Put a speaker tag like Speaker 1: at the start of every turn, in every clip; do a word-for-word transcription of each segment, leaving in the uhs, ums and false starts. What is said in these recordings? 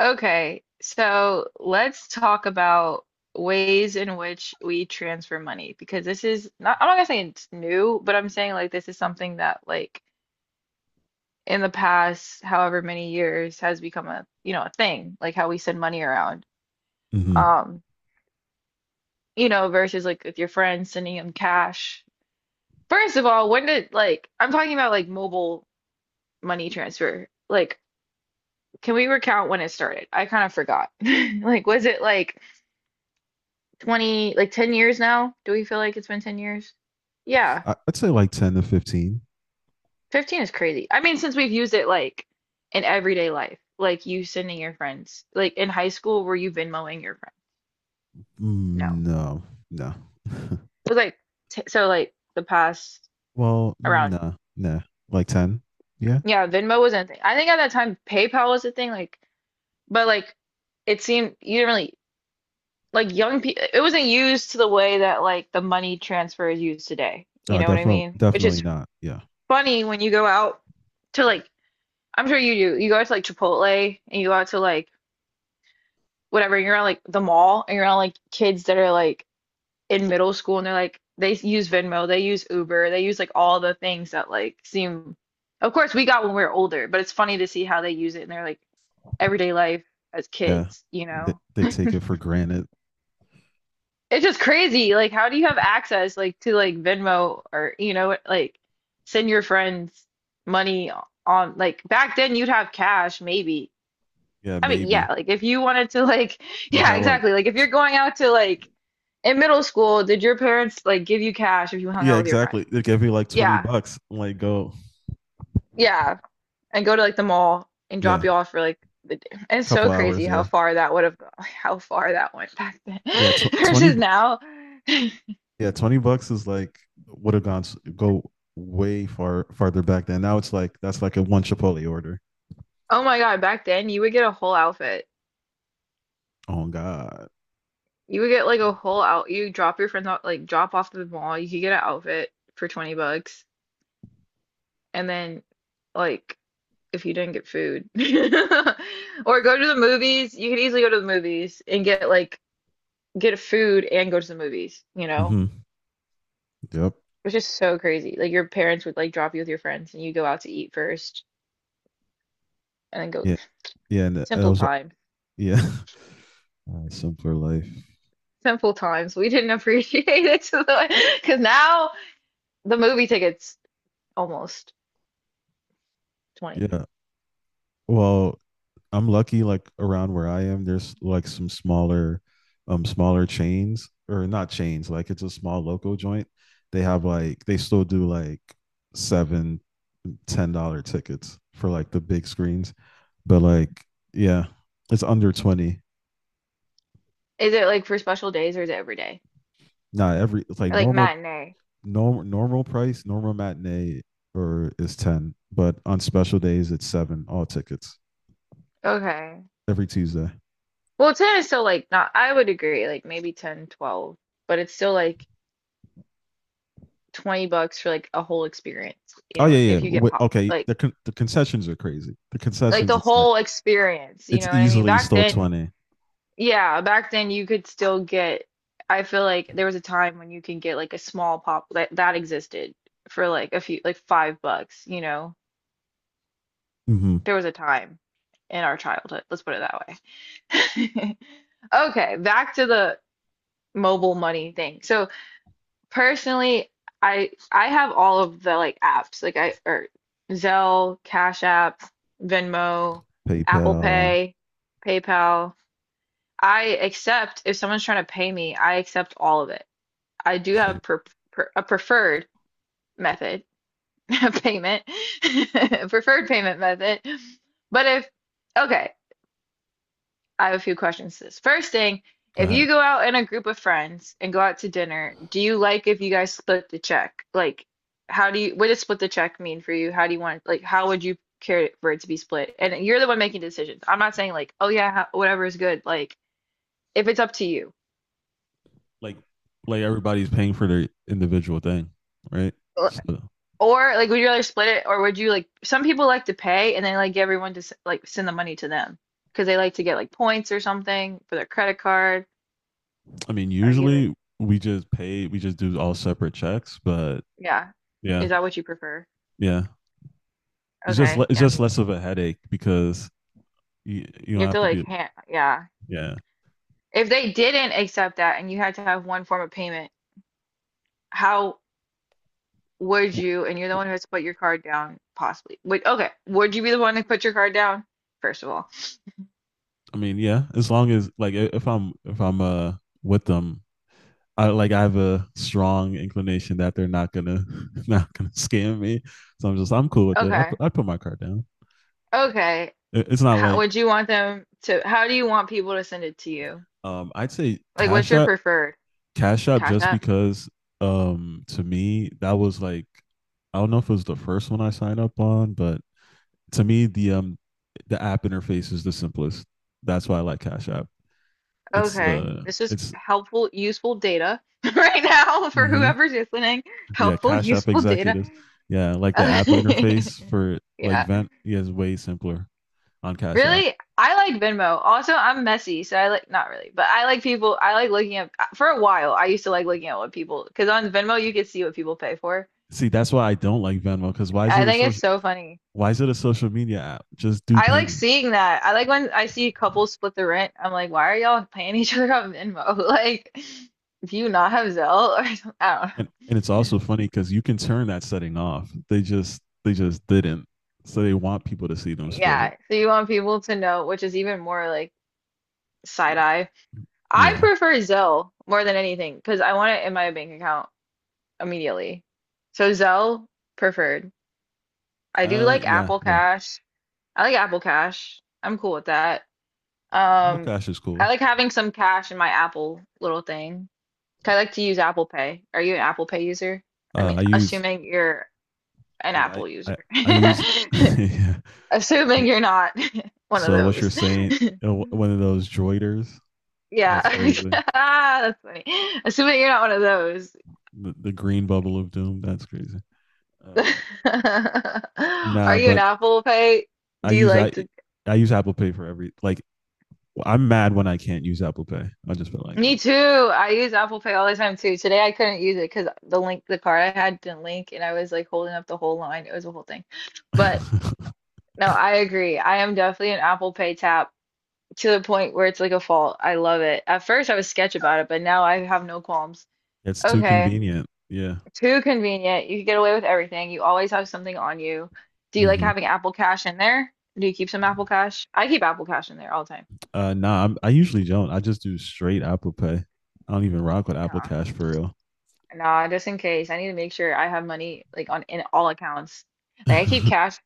Speaker 1: Okay, so let's talk about ways in which we transfer money because this is not, I'm not gonna say it's new, but I'm saying like this is something that like in the past, however many years, has become a, you know, a thing, like how we send money around.
Speaker 2: Mm-hmm.
Speaker 1: Um, you know, versus like with your friends sending them cash. First of all, when did like I'm talking about like mobile money transfer. Like, can we recount when it started? I kind of forgot. Like, was it like twenty, like ten years now? Do we feel like it's been ten years? Yeah,
Speaker 2: I would say like ten to fifteen.
Speaker 1: fifteen is crazy. I mean, since we've used it like in everyday life, like you sending your friends, like in high school, were you Venmoing your friend?
Speaker 2: Mm,
Speaker 1: No.
Speaker 2: no, no.
Speaker 1: It was like, t so like the past
Speaker 2: well, no,
Speaker 1: around,
Speaker 2: nah, no. Nah. Like ten. Yeah.
Speaker 1: yeah, Venmo wasn't a thing. I think at that time PayPal was a thing, like, but like it seemed you didn't really like young people, it wasn't used to the way that like the money transfer is used today. You
Speaker 2: Oh,
Speaker 1: know what I
Speaker 2: definitely,
Speaker 1: mean? Which
Speaker 2: definitely
Speaker 1: is
Speaker 2: not. Yeah.
Speaker 1: funny when you go out to like I'm sure you do. You go to like Chipotle and you go out to like whatever, you're on like the mall and you're on like kids that are like in middle school and they're like they use Venmo, they use Uber, they use like all the things that like seem of course we got when we were older, but it's funny to see how they use it in their like everyday life as
Speaker 2: Yeah.
Speaker 1: kids, you
Speaker 2: They,
Speaker 1: know?
Speaker 2: they take it for granted.
Speaker 1: It's just crazy. Like how do you have access like to like Venmo or you know like send your friends money on like back then you'd have cash maybe.
Speaker 2: Yeah,
Speaker 1: I mean, yeah,
Speaker 2: maybe.
Speaker 1: like if you wanted to like
Speaker 2: You'd
Speaker 1: yeah,
Speaker 2: have like,
Speaker 1: exactly. Like if you're going out to like in middle school, did your parents like give you cash if you hung
Speaker 2: yeah,
Speaker 1: out with your friend?
Speaker 2: exactly. They'd give you like 20
Speaker 1: Yeah.
Speaker 2: bucks. Like, go.
Speaker 1: Yeah. And go to like the mall and drop
Speaker 2: Yeah.
Speaker 1: you off for like the day. It's so
Speaker 2: Couple
Speaker 1: crazy
Speaker 2: hours.
Speaker 1: how
Speaker 2: Yeah.
Speaker 1: far that would have gone, how far that went back then
Speaker 2: Yeah. Tw- 20.
Speaker 1: versus
Speaker 2: bu-
Speaker 1: now.
Speaker 2: Yeah. twenty bucks is like, would have gone, s- go way far, farther back then. Now it's like, that's like a one Chipotle order.
Speaker 1: Oh my God, back then you would get a whole outfit.
Speaker 2: Oh, God.
Speaker 1: You would get like a whole out you drop your friends out, like drop off to the mall, you could get an outfit for twenty bucks and then like if you didn't get food. Or go to the movies. You could easily go to the movies and get like get food and go to the movies, you know?
Speaker 2: Mm-hmm. Yep.
Speaker 1: It's just so crazy. Like your parents would like drop you with your friends and you go out to eat first and then go
Speaker 2: yeah, and I
Speaker 1: simple
Speaker 2: was
Speaker 1: time.
Speaker 2: yeah, uh, simpler life.
Speaker 1: Simple times. We didn't appreciate it because now the movie ticket's almost twenty.
Speaker 2: Yeah. Well, I'm lucky, like around where I am, there's like some smaller um smaller chains, or not chains, like it's a small local joint. They have like they still do like seven, ten dollar tickets for like the big screens. But like yeah, it's under twenty.
Speaker 1: Is it like for special days or is it every day?
Speaker 2: Not every It's like
Speaker 1: Or like
Speaker 2: normal,
Speaker 1: matinee?
Speaker 2: normal normal price, normal matinee or is ten. But on special days it's seven, all tickets.
Speaker 1: Okay.
Speaker 2: Every Tuesday.
Speaker 1: Well, ten is still like not, I would agree, like maybe ten, twelve, but it's still like twenty bucks for like a whole experience, you
Speaker 2: Oh
Speaker 1: know,
Speaker 2: yeah, yeah.
Speaker 1: if you get
Speaker 2: Wait,
Speaker 1: popcorn,
Speaker 2: okay,
Speaker 1: like
Speaker 2: the con- the concessions are crazy. The
Speaker 1: like
Speaker 2: concessions,
Speaker 1: the
Speaker 2: it's like
Speaker 1: whole experience, you
Speaker 2: it's
Speaker 1: know what I mean?
Speaker 2: easily
Speaker 1: Back
Speaker 2: still
Speaker 1: then,
Speaker 2: twenty.
Speaker 1: yeah, back then you could still get, I feel like there was a time when you can get like a small pop that that existed for like a few like five bucks, you know.
Speaker 2: Mm-hmm.
Speaker 1: There was a time in our childhood, let's put it that way. Okay, back to the mobile money thing. So personally, I I have all of the like apps, like I or Zelle, Cash App, Venmo, Apple
Speaker 2: PayPal.
Speaker 1: Pay, PayPal. I accept if someone's trying to pay me, I accept all of it. I do
Speaker 2: Same.
Speaker 1: have per pre a preferred method of payment, preferred payment method. But if okay, I have a few questions. To This first thing,
Speaker 2: Go
Speaker 1: if
Speaker 2: ahead.
Speaker 1: you go out in a group of friends and go out to dinner, do you like if you guys split the check? Like, how do you, what does split the check mean for you? How do you want, like, how would you care for it to be split? And you're the one making decisions. I'm not saying like, oh yeah, ha- whatever is good. Like, if it's up to you,
Speaker 2: Like, like everybody's paying for their individual thing, right? So,
Speaker 1: or like, would you rather split it, or would you like? Some people like to pay, and they like everyone to s- like send the money to them because they like to get like points or something for their credit card.
Speaker 2: I mean,
Speaker 1: Are you like,
Speaker 2: usually we just pay. We just do all separate checks, but
Speaker 1: yeah?
Speaker 2: yeah,
Speaker 1: Is that what you prefer?
Speaker 2: yeah. It's just le-
Speaker 1: Okay,
Speaker 2: it's
Speaker 1: yeah,
Speaker 2: just
Speaker 1: me
Speaker 2: less
Speaker 1: too.
Speaker 2: of a headache because you you
Speaker 1: You
Speaker 2: don't
Speaker 1: have
Speaker 2: have
Speaker 1: to
Speaker 2: to
Speaker 1: like
Speaker 2: be.
Speaker 1: hand, yeah.
Speaker 2: Yeah.
Speaker 1: If they didn't accept that and you had to have one form of payment, how would
Speaker 2: I
Speaker 1: you, and you're the one who has to put your card down, possibly. Would, okay, would you be the one to put your card down, first of all?
Speaker 2: mean, yeah. As long as like if I'm if I'm uh with them, I like I have a strong inclination that they're not gonna not gonna scam me. So I'm just I'm cool with it. I
Speaker 1: Okay,
Speaker 2: I put my card down.
Speaker 1: okay.
Speaker 2: It- It's not
Speaker 1: How
Speaker 2: like
Speaker 1: would you want them to, how do you want people to send it to you?
Speaker 2: um I'd say
Speaker 1: Like, what's
Speaker 2: Cash
Speaker 1: your
Speaker 2: App.
Speaker 1: preferred?
Speaker 2: Cash App,
Speaker 1: Cash
Speaker 2: just
Speaker 1: App?
Speaker 2: because um to me that was like, I don't know if it was the first one I signed up on, but to me the um the app interface is the simplest. That's why I like Cash App. It's
Speaker 1: Okay,
Speaker 2: uh
Speaker 1: this is
Speaker 2: it's
Speaker 1: helpful, useful data right now for
Speaker 2: mhm.
Speaker 1: whoever's listening.
Speaker 2: Yeah,
Speaker 1: Helpful,
Speaker 2: Cash App
Speaker 1: useful data.
Speaker 2: executives. Yeah, like the app interface for like
Speaker 1: Yeah.
Speaker 2: Vent yeah, is way simpler on Cash App.
Speaker 1: Really? I like Venmo. Also, I'm messy, so I like not really, but I like people. I like looking at for a while. I used to like looking at what people because on Venmo you could see what people pay for.
Speaker 2: See, that's why I don't like Venmo, because why is
Speaker 1: I
Speaker 2: it a
Speaker 1: think it's
Speaker 2: social?
Speaker 1: so funny.
Speaker 2: Why is it a social media app? Just do
Speaker 1: I like
Speaker 2: payments.
Speaker 1: seeing that. I like when I see couples split the rent. I'm like, why are y'all paying each other on Venmo? Like, do you not have Zelle or something? I don't know.
Speaker 2: And and it's also funny because you can turn that setting off. They just they just didn't. So they want people to see them split it.
Speaker 1: Yeah. So you want people to know, which is even more like side eye. I
Speaker 2: Yeah.
Speaker 1: prefer Zelle more than anything because I want it in my bank account immediately. So Zelle preferred. I do
Speaker 2: Uh.
Speaker 1: like
Speaker 2: Yeah.
Speaker 1: Apple
Speaker 2: Yeah.
Speaker 1: Cash. I like Apple Cash. I'm cool with that.
Speaker 2: Apple
Speaker 1: Um,
Speaker 2: Cash is
Speaker 1: I
Speaker 2: cool.
Speaker 1: like having some cash in my Apple little thing. 'Cause I like to use Apple Pay. Are you an Apple Pay user? I
Speaker 2: Uh.
Speaker 1: mean,
Speaker 2: I use.
Speaker 1: assuming you're an
Speaker 2: Yeah. I
Speaker 1: Apple user.
Speaker 2: I, I use. yeah.
Speaker 1: Assuming you're not one of
Speaker 2: So what you're
Speaker 1: those.
Speaker 2: saying? uh, One of those droiders.
Speaker 1: Yeah.
Speaker 2: That's crazy.
Speaker 1: Ah, that's funny. Assuming you're not one of those.
Speaker 2: The, the green bubble of doom. That's crazy. Uh,
Speaker 1: Are
Speaker 2: nah,
Speaker 1: you an
Speaker 2: but
Speaker 1: Apple Pay?
Speaker 2: I
Speaker 1: Do you
Speaker 2: use I
Speaker 1: like to?
Speaker 2: I use Apple Pay for every like, I'm mad when I can't use Apple Pay. I just feel like
Speaker 1: Me too. I use Apple Pay all the time too. Today I couldn't use it because the link, the card I had didn't link, and I was like holding up the whole line. It was a whole thing. But
Speaker 2: that.
Speaker 1: no, I agree. I am definitely an Apple Pay tap to the point where it's like a fault. I love it. At first I was sketch about it, but now I have no qualms.
Speaker 2: It's too
Speaker 1: Okay,
Speaker 2: convenient. Yeah.
Speaker 1: too convenient. You can get away with everything. You always have something on you. Do you like
Speaker 2: Mm-hmm.
Speaker 1: having Apple Cash in there? Do you keep some Apple Cash? I keep Apple Cash in there all the
Speaker 2: Uh, nah, I'm, I usually don't. I just do straight Apple Pay. I don't even rock with Apple
Speaker 1: time.
Speaker 2: Cash for
Speaker 1: Nah, just in case. I need to make sure I have money like on in all accounts.
Speaker 2: real.
Speaker 1: Like I keep cash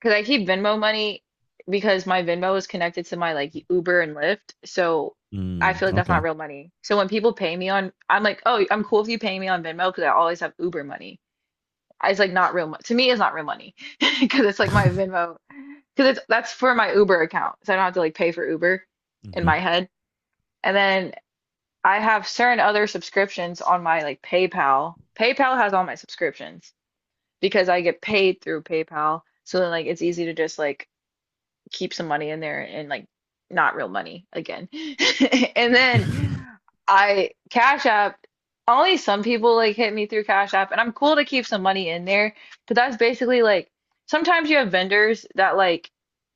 Speaker 1: because I keep Venmo money because my Venmo is connected to my like Uber and Lyft. So I
Speaker 2: Mm,
Speaker 1: feel like that's not
Speaker 2: okay.
Speaker 1: real money. So when people pay me on, I'm like, oh, I'm cool if you pay me on Venmo because I always have Uber money. I- It's like not real money. To me, it's not real money because it's like my Venmo because it's that's for my Uber account. So I don't have to like pay for Uber in
Speaker 2: mm-hmm.
Speaker 1: my head. And then I have certain other subscriptions on my like PayPal. PayPal has all my subscriptions because I get paid through PayPal. So then like it's easy to just like keep some money in there and like not real money again. And then
Speaker 2: mm-hmm.
Speaker 1: I Cash App, only some people like hit me through Cash App and I'm cool to keep some money in there, but that's basically like sometimes you have vendors that like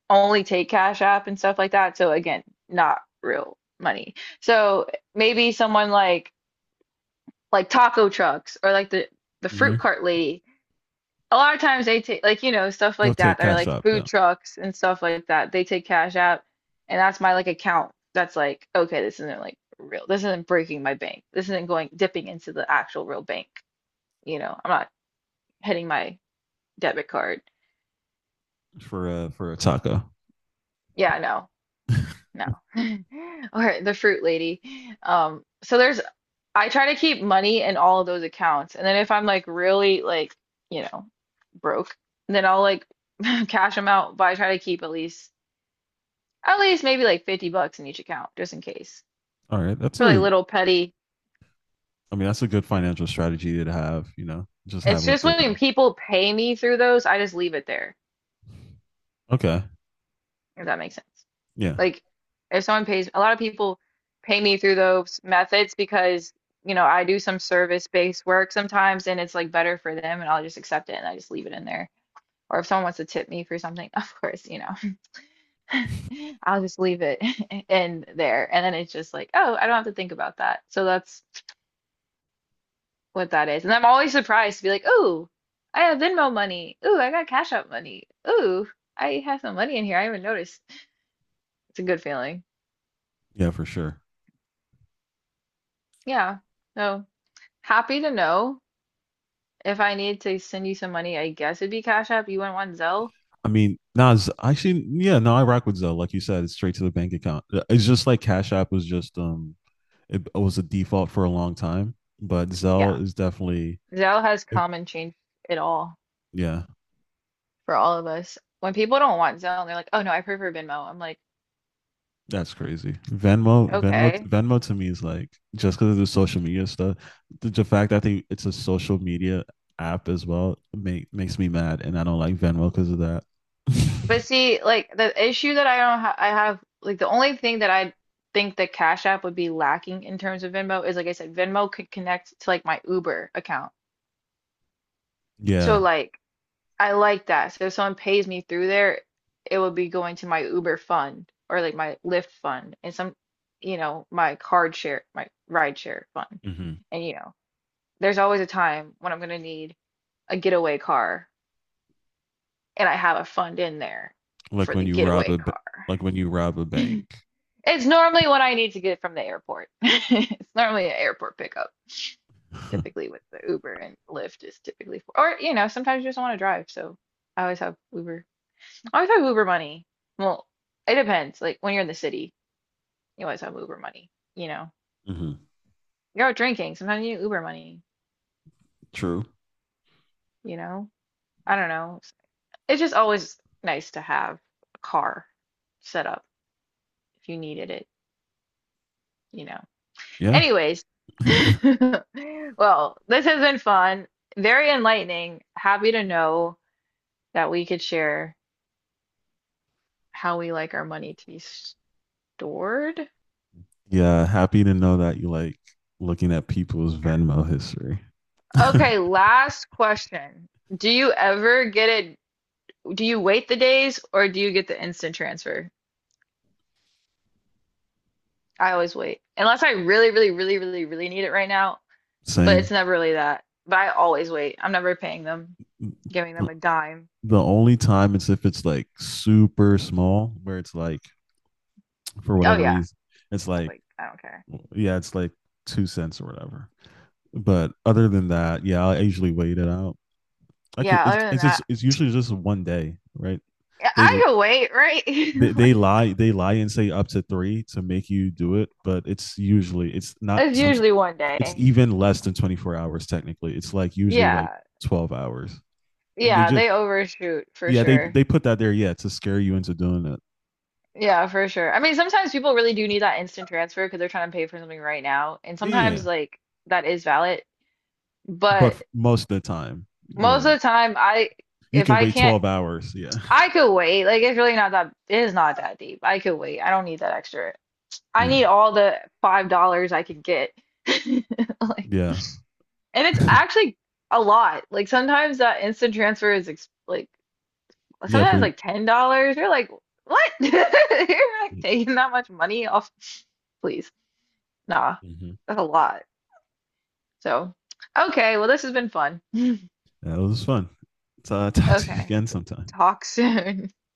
Speaker 1: only take Cash App and stuff like that. So again, not real money. So maybe someone like like taco trucks or like the the fruit cart lady. A lot of times they take like you know stuff
Speaker 2: You'll
Speaker 1: like
Speaker 2: take
Speaker 1: that that are
Speaker 2: Cash
Speaker 1: like
Speaker 2: App, yeah,
Speaker 1: food trucks and stuff like that. They take cash out, and that's my like account. That's like okay, this isn't like real. This isn't breaking my bank. This isn't going dipping into the actual real bank. You know, I'm not hitting my debit card.
Speaker 2: for uh, for a taco.
Speaker 1: Yeah, no.
Speaker 2: All
Speaker 1: No. Or the fruit lady. Um, so there's I try to keep money in all of those accounts. And then if I'm like really like, you know, broke, then I'll like cash them out, but I try to keep at least at least maybe like fifty bucks in each account just in case
Speaker 2: right, that's
Speaker 1: for like
Speaker 2: a
Speaker 1: little petty
Speaker 2: I mean, that's a good
Speaker 1: things.
Speaker 2: financial strategy to have, you know, just
Speaker 1: It's
Speaker 2: have like
Speaker 1: just
Speaker 2: a little.
Speaker 1: when people pay me through those, I just leave it there.
Speaker 2: Okay.
Speaker 1: If that makes sense.
Speaker 2: Yeah.
Speaker 1: Like, if someone pays, a lot of people pay me through those methods because, you know, I do some service-based work sometimes and it's like better for them, and I'll just accept it and I just leave it in there. Or if someone wants to tip me for something, of course, you know, I'll just leave it in there. And then it's just like, oh, I don't have to think about that. So that's what that is. And I'm always surprised to be like, oh, I have Venmo money. Ooh, I got Cash App money. Ooh, I have some money in here. I haven't noticed. It's a good feeling.
Speaker 2: Yeah, for sure.
Speaker 1: Yeah. So. Happy to know. If I need to send you some money, I guess it'd be Cash App. You wouldn't want Zelle?
Speaker 2: I mean, nah, Z- actually, yeah, no, I rock with Zelle. Like you said, it's straight to the bank account. Uh, It's just like Cash App was just, um, it it was a default for a long time, but Zelle
Speaker 1: Yeah.
Speaker 2: is definitely,
Speaker 1: Zelle has
Speaker 2: it-
Speaker 1: come and changed it all
Speaker 2: yeah.
Speaker 1: for all of us. When people don't want Zelle and they're like, "Oh no, I prefer Venmo." I'm like,
Speaker 2: That's crazy. Venmo, Venmo,
Speaker 1: "Okay."
Speaker 2: Venmo to me is like, just because of the social media stuff. The, the fact that I think it's a social media app as well make, makes me mad, and I don't like Venmo because of that.
Speaker 1: But see, like the issue that I don't ha I have like, the only thing that I think that Cash App would be lacking in terms of Venmo is, like I said, Venmo could connect to like my Uber account. So
Speaker 2: yeah,
Speaker 1: like, I like that. So if someone pays me through there, it would be going to my Uber fund or like my Lyft fund and some, you know, my card share, my ride share fund.
Speaker 2: Mm-hmm.
Speaker 1: And you know, there's always a time when I'm gonna need a getaway car and I have a fund in there
Speaker 2: like
Speaker 1: for
Speaker 2: when
Speaker 1: the
Speaker 2: you rob
Speaker 1: getaway
Speaker 2: a
Speaker 1: car.
Speaker 2: like when you rob a bank.
Speaker 1: It's normally what I need to get from the airport. It's normally an airport pickup, typically with the Uber and Lyft is typically for, or you know, sometimes you just want to drive, so I always have Uber. I always have Uber money. Well, it depends. Like when you're in the city, you always have Uber money, you know.
Speaker 2: Mm-hmm.
Speaker 1: You're out drinking, sometimes you need Uber money,
Speaker 2: True.
Speaker 1: you know. I don't know. It's just always nice to have a car set up if you needed it, you know.
Speaker 2: Yeah,
Speaker 1: Anyways, well, this has been fun, very enlightening. Happy to know that we could share how we like our money to be stored.
Speaker 2: yeah. Happy to know that you like looking at people's Venmo history.
Speaker 1: Okay, last question. Do you ever get it Do you wait the days, or do you get the instant transfer? I always wait. Unless I really, really, really, really, really need it right now, but it's
Speaker 2: Same.
Speaker 1: never really that. But I always wait. I'm never paying them,
Speaker 2: The
Speaker 1: giving them a dime.
Speaker 2: only time it's if it's like super small, where it's like for
Speaker 1: Oh
Speaker 2: whatever
Speaker 1: yeah,
Speaker 2: reason. It's like,
Speaker 1: like I don't care.
Speaker 2: yeah, it's like two cents or whatever. But other than that, yeah, I usually wait it out. I could.
Speaker 1: Yeah,
Speaker 2: It's
Speaker 1: other than
Speaker 2: it's just,
Speaker 1: that,
Speaker 2: it's usually just one day, right?
Speaker 1: yeah,
Speaker 2: They,
Speaker 1: I can wait,
Speaker 2: they
Speaker 1: right?
Speaker 2: they
Speaker 1: Like
Speaker 2: lie they lie and say up to three to make you do it, but it's usually it's not
Speaker 1: it's
Speaker 2: some.
Speaker 1: usually one
Speaker 2: It's
Speaker 1: day.
Speaker 2: even less than twenty four hours technically. It's like usually like
Speaker 1: Yeah.
Speaker 2: twelve hours, and they
Speaker 1: Yeah,
Speaker 2: just
Speaker 1: they overshoot for
Speaker 2: yeah they
Speaker 1: sure.
Speaker 2: they put that there, yeah, to scare you into doing it.
Speaker 1: Yeah, for sure. I mean, sometimes people really do need that instant transfer because they're trying to pay for something right now, and sometimes
Speaker 2: Yeah,
Speaker 1: like that is valid.
Speaker 2: but
Speaker 1: But
Speaker 2: most of the time you're
Speaker 1: Most of
Speaker 2: like
Speaker 1: the time, I
Speaker 2: you
Speaker 1: if
Speaker 2: can
Speaker 1: I
Speaker 2: wait
Speaker 1: can't,
Speaker 2: twelve hours. Yeah,
Speaker 1: I could wait. Like it's really not, that it is not that deep. I could wait. I don't need that extra. I
Speaker 2: yeah.
Speaker 1: need all the five dollars I could get. Like,
Speaker 2: Yeah.
Speaker 1: and it's actually a lot. Like sometimes that instant transfer is ex like
Speaker 2: yeah.
Speaker 1: sometimes
Speaker 2: For,
Speaker 1: like ten dollars. You're like, what? You're like taking that much money off? Please, nah,
Speaker 2: mhm.
Speaker 1: that's a lot. So, okay. Well, this has been fun.
Speaker 2: Yeah, it was fun. So I'll talk to you
Speaker 1: Okay,
Speaker 2: again sometime.
Speaker 1: talk soon.